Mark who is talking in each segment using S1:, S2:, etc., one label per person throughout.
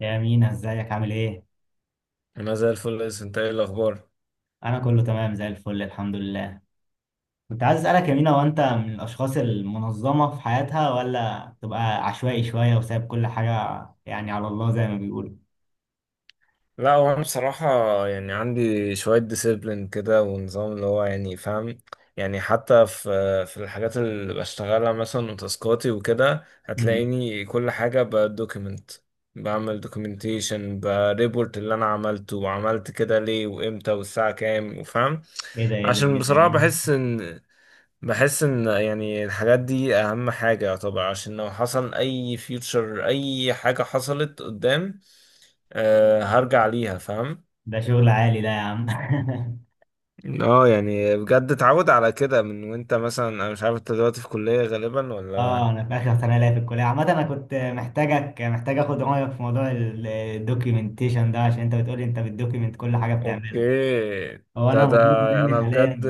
S1: يا مينا ازيك عامل ايه؟
S2: انا زي الفل، يا انت ايه الاخبار؟
S1: انا كله تمام زي الفل الحمد لله. كنت عايز اسالك يا مينا، هو انت من الاشخاص المنظمه في حياتها ولا تبقى عشوائي شويه وسايب كل حاجه يعني على الله زي ما بيقولوا.
S2: لا، هو انا بصراحه يعني عندي شويه ديسيبلين كده ونظام اللي هو يعني فاهم. يعني حتى في الحاجات اللي بشتغلها مثلا وتاسكاتي وكده،
S1: مم.
S2: هتلاقيني كل حاجه بدوكيمنت. بعمل دوكيومنتيشن بريبورت اللي انا عملته وعملت كده ليه وامتى والساعه كام وفاهم.
S1: ايه ده ايه ده
S2: عشان
S1: ايه ده
S2: بصراحه
S1: ايه
S2: بحس
S1: ده
S2: ان يعني الحاجات دي اهم حاجه طبعا، عشان لو حصل اي فيوتشر اي حاجه حصلت قدام، هرجع ليها فاهم.
S1: ده شغل عالي ده يا عم.
S2: اه يعني بجد اتعود على كده من، وانت مثلا انا مش عارف انت دلوقتي في كلية غالبا ولا؟
S1: اه انا في اخر سنه ليا في الكليه. عامه انا كنت محتاجك، محتاج اخد رايك في موضوع الدوكيومنتيشن ده عشان انت بتقولي انت بتدوكيومنت كل حاجه بتعملها.
S2: اوكي.
S1: هو
S2: ده
S1: انا
S2: ده
S1: مطلوب
S2: انا
S1: مني حاليا،
S2: بجد.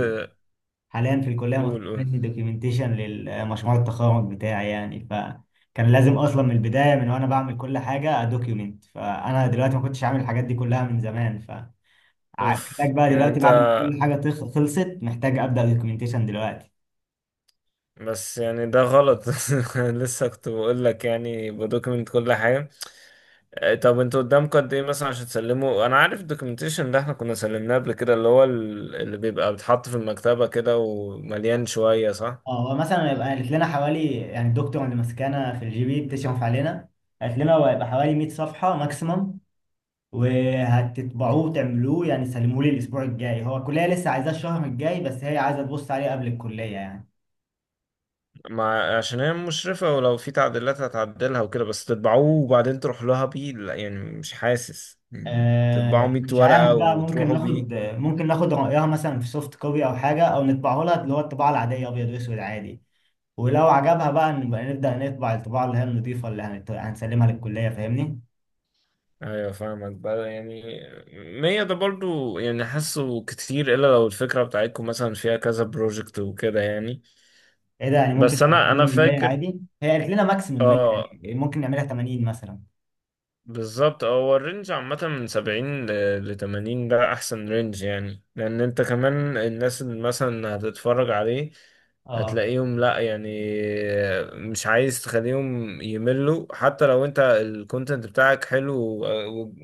S1: حاليا في الكليه
S2: قول
S1: مطلوب
S2: قول.
S1: مني دوكيومنتيشن للمشروع التخرج بتاعي، يعني فكان لازم اصلا من البدايه من وانا بعمل كل حاجه ادوكيومنت، فانا دلوقتي ما كنتش عامل الحاجات دي كلها من زمان.
S2: اوف
S1: فمحتاج بقى
S2: يعني
S1: دلوقتي
S2: انت،
S1: بعد ما كل حاجه خلصت، محتاج ابدا دوكيومنتيشن دلوقتي.
S2: بس يعني ده غلط. لسه كنت بقول لك يعني بدوكيمنت كل حاجه. آه، طب انتوا قدامكم قد ايه مثلا عشان تسلموا؟ انا عارف الدوكيومنتيشن ده احنا كنا سلمناه قبل كده، اللي بيبقى بيتحط في المكتبه كده ومليان شويه، صح؟
S1: اه هو مثلا هيبقى قالت لنا حوالي، يعني الدكتور اللي ماسكانا في الجي بي بتشرف علينا، قالت لنا هو هيبقى حوالي 100 صفحه ماكسيمم وهتطبعوه وتعملوه يعني سلموه لي الاسبوع الجاي. هو الكليه لسه عايزاه الشهر الجاي بس هي عايزه تبص عليه قبل الكليه يعني.
S2: ما عشان هي مشرفة ولو في تعديلات هتعدلها وكده، بس تطبعوه وبعدين تروح لها بيه. لا يعني مش حاسس يعني تطبعوا 100
S1: مش
S2: ورقة
S1: عارف بقى، ممكن
S2: وتروحوا بيه.
S1: ناخد، ممكن ناخد رأيها مثلا في سوفت كوبي أو حاجة، أو نطبعه لها اللي هو الطباعة العادية أبيض وأسود عادي، ولو عجبها بقى نبقى نبدأ نطبع الطباعة اللي هي النضيفة اللي هنسلمها للكلية. فاهمني؟
S2: ايوه فاهمك بقى يعني. 100 ده برضو يعني حاسه كتير، الا لو الفكرة بتاعتكم مثلا فيها كذا بروجكت وكده يعني.
S1: إيه ده، يعني
S2: بس
S1: ممكن تبقى
S2: انا
S1: أقل
S2: انا
S1: من 100
S2: فاكر.
S1: عادي، هي قالت لنا ماكسيمم 100
S2: اه.
S1: يعني، ممكن نعملها 80 مثلا.
S2: بالظبط. هو الرينج عامة من سبعين لتمانين، ده أحسن رينج يعني، لأن أنت كمان الناس اللي مثلا هتتفرج عليه
S1: أه.
S2: هتلاقيهم، لأ يعني، مش عايز تخليهم يملوا، حتى لو أنت الكونتنت بتاعك حلو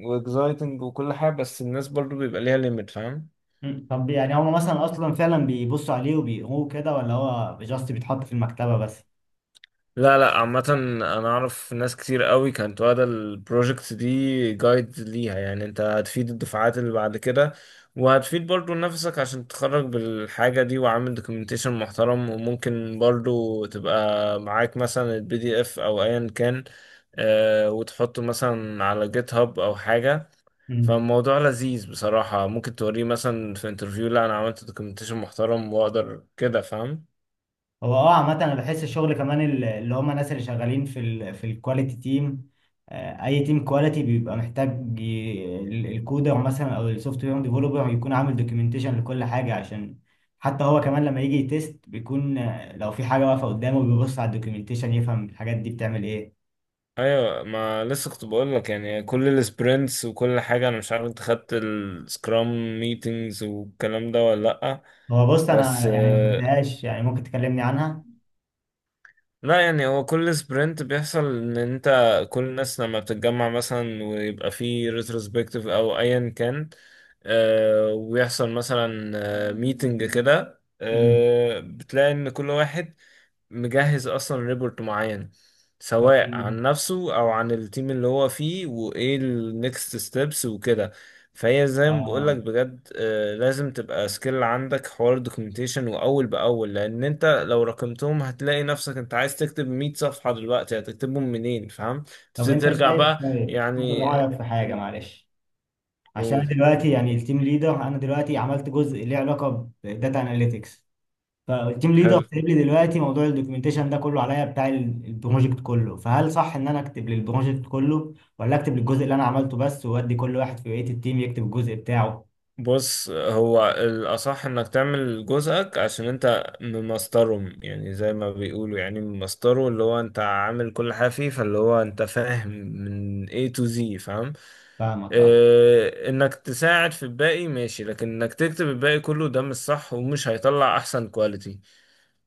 S2: وإكزايتنج وكل حاجة، بس الناس برضو بيبقى ليها ليميت فاهم.
S1: طب يعني هما مثلا أصلا فعلا بيبصوا عليه وبيقروه كده ولا هو جاست بيتحط في المكتبة بس؟
S2: لا لا، عامة أنا أعرف ناس كتير قوي كانت واخدة البروجكت دي جايد ليها، يعني أنت هتفيد الدفعات اللي بعد كده، وهتفيد برضو نفسك عشان تتخرج بالحاجة دي وعامل دوكيومنتيشن محترم. وممكن برضو تبقى معاك مثلا البي دي اف أو أيا كان، آه، وتحطه مثلا على جيت هاب أو حاجة. فالموضوع لذيذ بصراحة، ممكن توريه مثلا في انترفيو، لا أنا عملت دوكيومنتيشن محترم وأقدر كده فاهم.
S1: هو اه عامة انا بحس الشغل كمان اللي هم الناس اللي شغالين في الكواليتي تيم، اي تيم كواليتي بيبقى محتاج الكودر مثلا او السوفت وير ديفلوبر يكون عامل دوكيومنتيشن لكل حاجة، عشان حتى هو كمان لما يجي يتست بيكون، لو في حاجة واقفة قدامه بيبص على الدوكيومنتيشن يفهم الحاجات دي بتعمل ايه.
S2: ايوه، ما لسه كنت بقول لك، يعني كل السبرنتس وكل حاجه. انا مش عارف انت خدت السكرام ميتينجز والكلام ده ولا لا؟
S1: هو بص
S2: بس
S1: انا يعني ما
S2: آه،
S1: خدتهاش، يعني ممكن تكلمني عنها.
S2: لا يعني هو كل سبرنت بيحصل ان انت، كل الناس لما بتتجمع مثلا ويبقى في ريتروسبكتيف او ايا كان، ويحصل مثلا ميتنج كده،
S1: مم.
S2: بتلاقي ان كل واحد مجهز اصلا ريبورت معين، سواء
S1: تمام.
S2: عن نفسه او عن التيم اللي هو فيه وايه النكست ستيبس وكده. فهي زي ما بقولك
S1: اه
S2: بجد، لازم تبقى سكيل عندك حوار دوكيومنتيشن واول باول. لان انت لو رقمتهم هتلاقي نفسك انت عايز تكتب 100 صفحة دلوقتي، هتكتبهم منين فاهم؟
S1: طب
S2: تبتدي
S1: انت
S2: ترجع
S1: شايف،
S2: بقى.
S1: طيب، باخد
S2: يعني
S1: رأيك في حاجة
S2: ال-
S1: معلش. عشان أنا
S2: قول.
S1: دلوقتي يعني التيم ليدر، انا دلوقتي عملت جزء ليه علاقه بداتا اناليتكس، فالتيم ليدر
S2: حلو.
S1: سايب لي دلوقتي موضوع الدوكيومنتيشن ده كله عليا، بتاع البروجكت كله. فهل صح ان انا اكتب للبروجكت كله ولا اكتب للجزء اللي انا عملته بس، وادي كل واحد في بقيه التيم يكتب الجزء بتاعه؟
S2: بص، هو الأصح إنك تعمل جزءك عشان أنت ممسطرهم، يعني زي ما بيقولوا، يعني ممسطره، اللي هو أنت عامل كل حاجة فيه، فاللي هو أنت فاهم من A to Z فاهم.
S1: فاهمك اه.
S2: اه، إنك تساعد في الباقي ماشي، لكن إنك تكتب الباقي كله ده مش صح، ومش هيطلع أحسن كواليتي،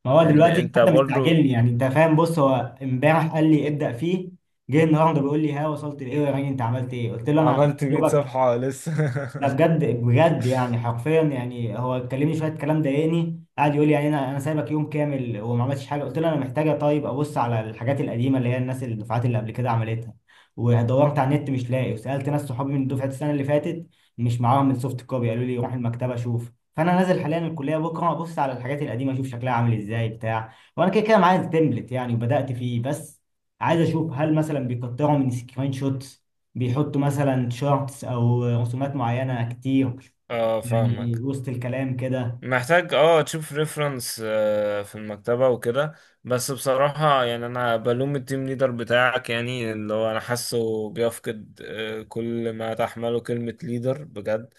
S1: ما هو
S2: لأن
S1: دلوقتي
S2: أنت
S1: حتى
S2: برضو
S1: مستعجلني، يعني انت فاهم، بص هو امبارح قال لي ابدا فيه، جه النهارده بيقول لي ها وصلت لايه يا راجل، انت عملت ايه؟ قلت له انا
S2: عملت 100
S1: دوبك.
S2: صفحة لسه.
S1: لا بجد بجد يعني، حرفيا يعني هو كلمني شويه كلام ضايقني، قعد يقول لي يعني انا سايبك يوم كامل وما عملتش حاجه. قلت له انا محتاجه طيب ابص على الحاجات القديمه اللي هي الناس الدفعات اللي قبل كده عملتها، ودورت على النت مش لاقي، وسالت ناس صحابي من دفعه السنه اللي فاتت مش معاهم السوفت كوبي، قالوا لي روح المكتبه شوف. فانا نازل حاليا الكليه بكره ابص على الحاجات القديمه اشوف شكلها عامل ازاي بتاع، وانا كده كده معايا التمبلت يعني وبدات فيه، بس عايز اشوف هل مثلا بيكتروا من سكرين شوت، بيحطوا مثلا شورتس او رسومات معينه كتير
S2: اه
S1: يعني
S2: فاهمك.
S1: وسط الكلام كده.
S2: محتاج تشوف ريفرنس في المكتبة وكده. بس بصراحة يعني انا بلوم التيم ليدر بتاعك، يعني اللي هو انا حاسه بيفقد، كل ما تحمله كلمة ليدر بجد.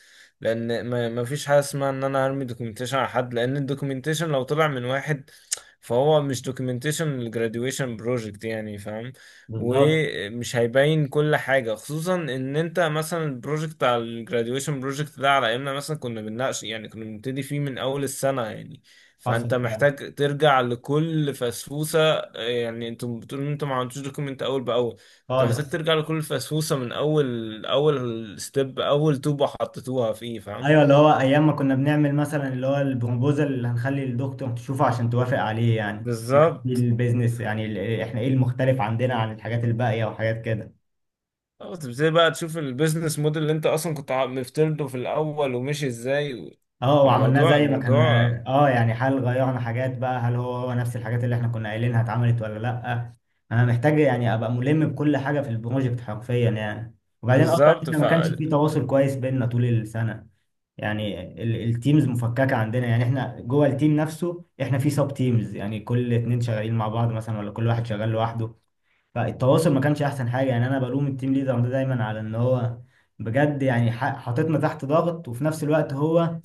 S2: لان ما فيش حاجة اسمها ان انا هرمي دوكيومنتيشن على حد، لان الدوكيومنتيشن لو طلع من واحد، فهو مش دوكيومنتيشن الجراديويشن بروجكت، يعني فاهم؟
S1: بالظبط،
S2: ومش هيبين كل حاجة، خصوصا ان انت مثلا البروجكت على الجراديويشن بروجكت ده، على ايامنا مثلا كنا بنناقش يعني، كنا بنبتدي فيه من اول السنة يعني. فانت
S1: حصل فعلا،
S2: محتاج ترجع لكل فسفوسة، يعني انتم بتقولوا ان انتم ما عملتوش دوكيمنت اول باول. انت محتاج
S1: خالص.
S2: ترجع لكل فسفوسة، من اول اول ستيب، اول طوبة حطيتوها فيه فاهم.
S1: ايوه اللي هو ايام ما كنا بنعمل مثلا اللي هو البروبوزال اللي هنخلي الدكتور تشوفه عشان توافق عليه، يعني اللي كان فيه
S2: بالظبط.
S1: البيزنس، يعني احنا ايه المختلف عندنا عن الحاجات الباقيه وحاجات كده.
S2: اه تبتدي بقى تشوف البيزنس موديل اللي انت اصلا مفترضه في الاول ومشي ازاي و-
S1: اه وعملناه
S2: الموضوع
S1: زي ما كان.
S2: الموضوع
S1: اه يعني هل غيرنا حاجات بقى، هل هو هو نفس الحاجات اللي احنا كنا قايلينها اتعملت ولا لا. انا محتاج يعني ابقى ملم بكل حاجه في البروجكت حرفيا يعني. وبعدين اصلا
S2: بالظبط
S1: احنا
S2: ف.
S1: ما كانش في تواصل كويس بيننا طول السنه، يعني التيمز مفككه عندنا، يعني احنا جوه التيم نفسه احنا في سب تيمز، يعني كل اتنين شغالين مع بعض مثلا ولا كل واحد شغال لوحده. فالتواصل ما كانش احسن حاجه. يعني انا بلوم التيم ليدر ده دايما على ان هو بجد يعني حاططنا تحت ضغط، وفي نفس الوقت هو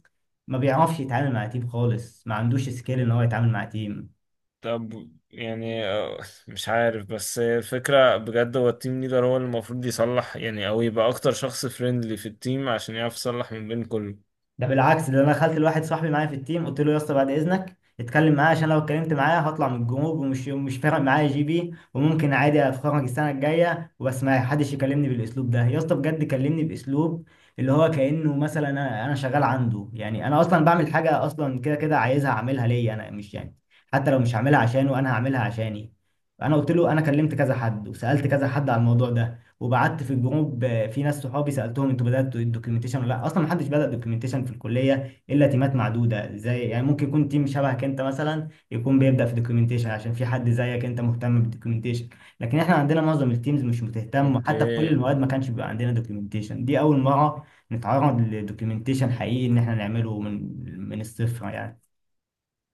S1: ما بيعرفش يتعامل مع تيم خالص، ما عندوش سكيل ان هو يتعامل مع تيم.
S2: طب يعني، مش عارف، بس هي الفكرة بجد، هو التيم ليدر هو اللي المفروض يصلح يعني، او يبقى اكتر شخص فريندلي في التيم عشان يعرف يصلح من بين كله.
S1: ده بالعكس، ده انا دخلت لواحد صاحبي معايا في التيم قلت له يا اسطى بعد اذنك اتكلم معايا، عشان لو اتكلمت معايا هطلع من الجروب، ومش مش فارق معايا جي بي وممكن عادي اتخرج السنه الجايه وبس، ما حدش يكلمني بالاسلوب ده. يا اسطى بجد كلمني باسلوب اللي هو كانه مثلا انا شغال عنده، يعني انا اصلا بعمل حاجه اصلا كده كده عايزها اعملها ليا انا، مش يعني حتى لو مش هعملها عشانه، انا هعملها عشاني. انا قلت له انا كلمت كذا حد وسالت كذا حد على الموضوع ده، وبعت في الجروب، في ناس صحابي سالتهم انتوا بداتوا الدوكيومنتيشن ولا لا. اصلا ما حدش بدا دوكيومنتيشن في الكليه الا تيمات معدوده، زي يعني ممكن يكون تيم شبهك انت مثلا يكون بيبدا في دوكيومنتيشن عشان في حد زيك انت مهتم بالدوكيومنتيشن، لكن احنا عندنا معظم التيمز مش بتهتم، وحتى في كل
S2: اوكي.
S1: المواد ما كانش بيبقى عندنا دوكيومنتيشن. دي اول مره نتعرض لدوكيومنتيشن حقيقي ان احنا نعمله من الصفر يعني.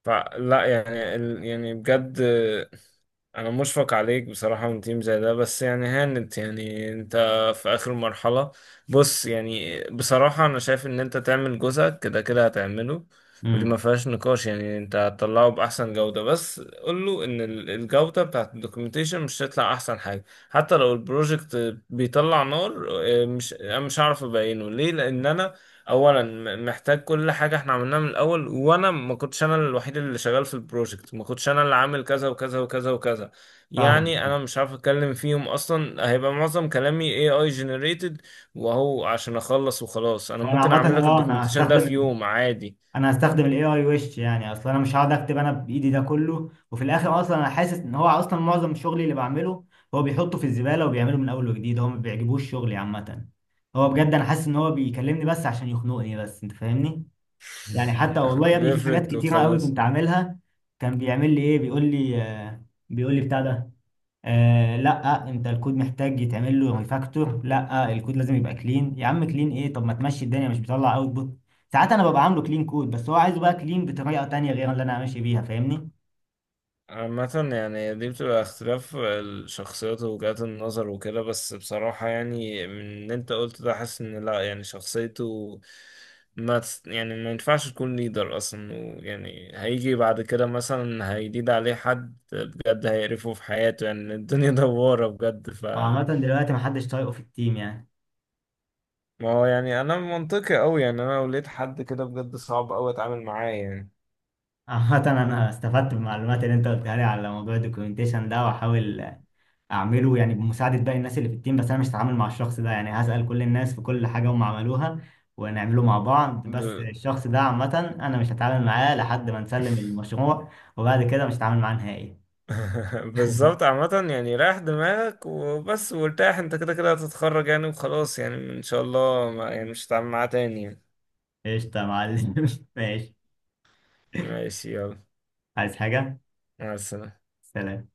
S2: فلا يعني يعني بجد انا مشفق عليك بصراحة من تيم زي ده، بس يعني هانت يعني انت في اخر مرحلة. بص، يعني بصراحة انا شايف ان انت تعمل جزءك كده كده هتعمله، ودي
S1: امم.
S2: ما فيهاش نقاش، يعني انت هتطلعه باحسن جودة. بس قول له ان الجودة بتاعت الدوكيومنتيشن مش هتطلع احسن حاجة، حتى لو البروجكت بيطلع نار. مش انا مش هعرف ابينه ليه، لان انا اولا محتاج كل حاجه احنا عملناها من الاول، وانا ما كنتش انا الوحيد اللي شغال في البروجكت، ما كنتش انا اللي عامل كذا وكذا وكذا وكذا،
S1: فاهم.
S2: يعني انا مش عارف اتكلم فيهم اصلا، هيبقى معظم كلامي AI generated. وهو عشان اخلص وخلاص، انا
S1: وانا
S2: ممكن
S1: عامه
S2: اعمل لك
S1: اه انا
S2: الدوكيومنتيشن ده في
S1: هستخدم،
S2: يوم عادي.
S1: انا هستخدم الاي اي وش يعني، اصلا انا مش هقعد اكتب انا بايدي ده كله. وفي الاخر اصلا انا حاسس ان هو اصلا معظم شغلي اللي بعمله هو بيحطه في الزباله وبيعمله من اول وجديد، هو ما بيعجبوش شغلي عامه. هو بجد انا حاسس ان هو بيكلمني بس عشان يخنقني بس، انت فاهمني يعني، حتى والله يا ابني في حاجات
S2: بيفرد
S1: كتيره قوي
S2: وخلاص.
S1: كنت عاملها كان بيعمل لي ايه، بيقول لي بيقول لي بتاع ده آه لا انت الكود محتاج يتعمل له ريفاكتور، لا الكود لازم يبقى كلين. يا عم كلين ايه، طب ما تمشي الدنيا، مش بيطلع اوتبوت. ساعات انا ببقى عامله كلين كود بس هو عايزه بقى كلين بطريقه تانية غير اللي انا ماشي بيها، فاهمني؟
S2: عامة يعني دي بتبقى اختلاف الشخصيات ووجهات النظر وكده، بس بصراحة يعني من اللي انت قلت ده، حاسس ان لا يعني شخصيته ما تس- يعني ما ينفعش تكون ليدر اصلا. ويعني هيجي بعد كده مثلا هيليد عليه حد بجد هيقرفه في حياته، يعني الدنيا دوارة بجد ف.
S1: هو عامه دلوقتي محدش طايقه في التيم يعني.
S2: ما هو يعني انا منطقي قوي، يعني انا لو لقيت حد كده بجد صعب قوي اتعامل معاه يعني.
S1: عامة أنا استفدت بالمعلومات اللي أنت قلتها لي على موضوع الدوكيومنتيشن ده، وأحاول أعمله يعني بمساعدة باقي الناس اللي في التيم، بس أنا مش هتعامل مع الشخص ده، يعني هسأل كل الناس في كل حاجة هم عملوها ونعمله مع بعض،
S2: ب...
S1: بس الشخص ده عامة أنا مش هتعامل معاه لحد ما نسلم المشروع، وبعد كده مش هتعامل معاه نهائي.
S2: بالظبط. عامة يعني ريح دماغك وبس وارتاح، انت كده كده هتتخرج يعني وخلاص، يعني ان شاء الله ما يعني مش هتعمل معاه تاني يعني.
S1: قشطة يا معلم. ماشي.
S2: ماشي يلا.
S1: عايز حاجة؟
S2: مع السلامة.
S1: سلام.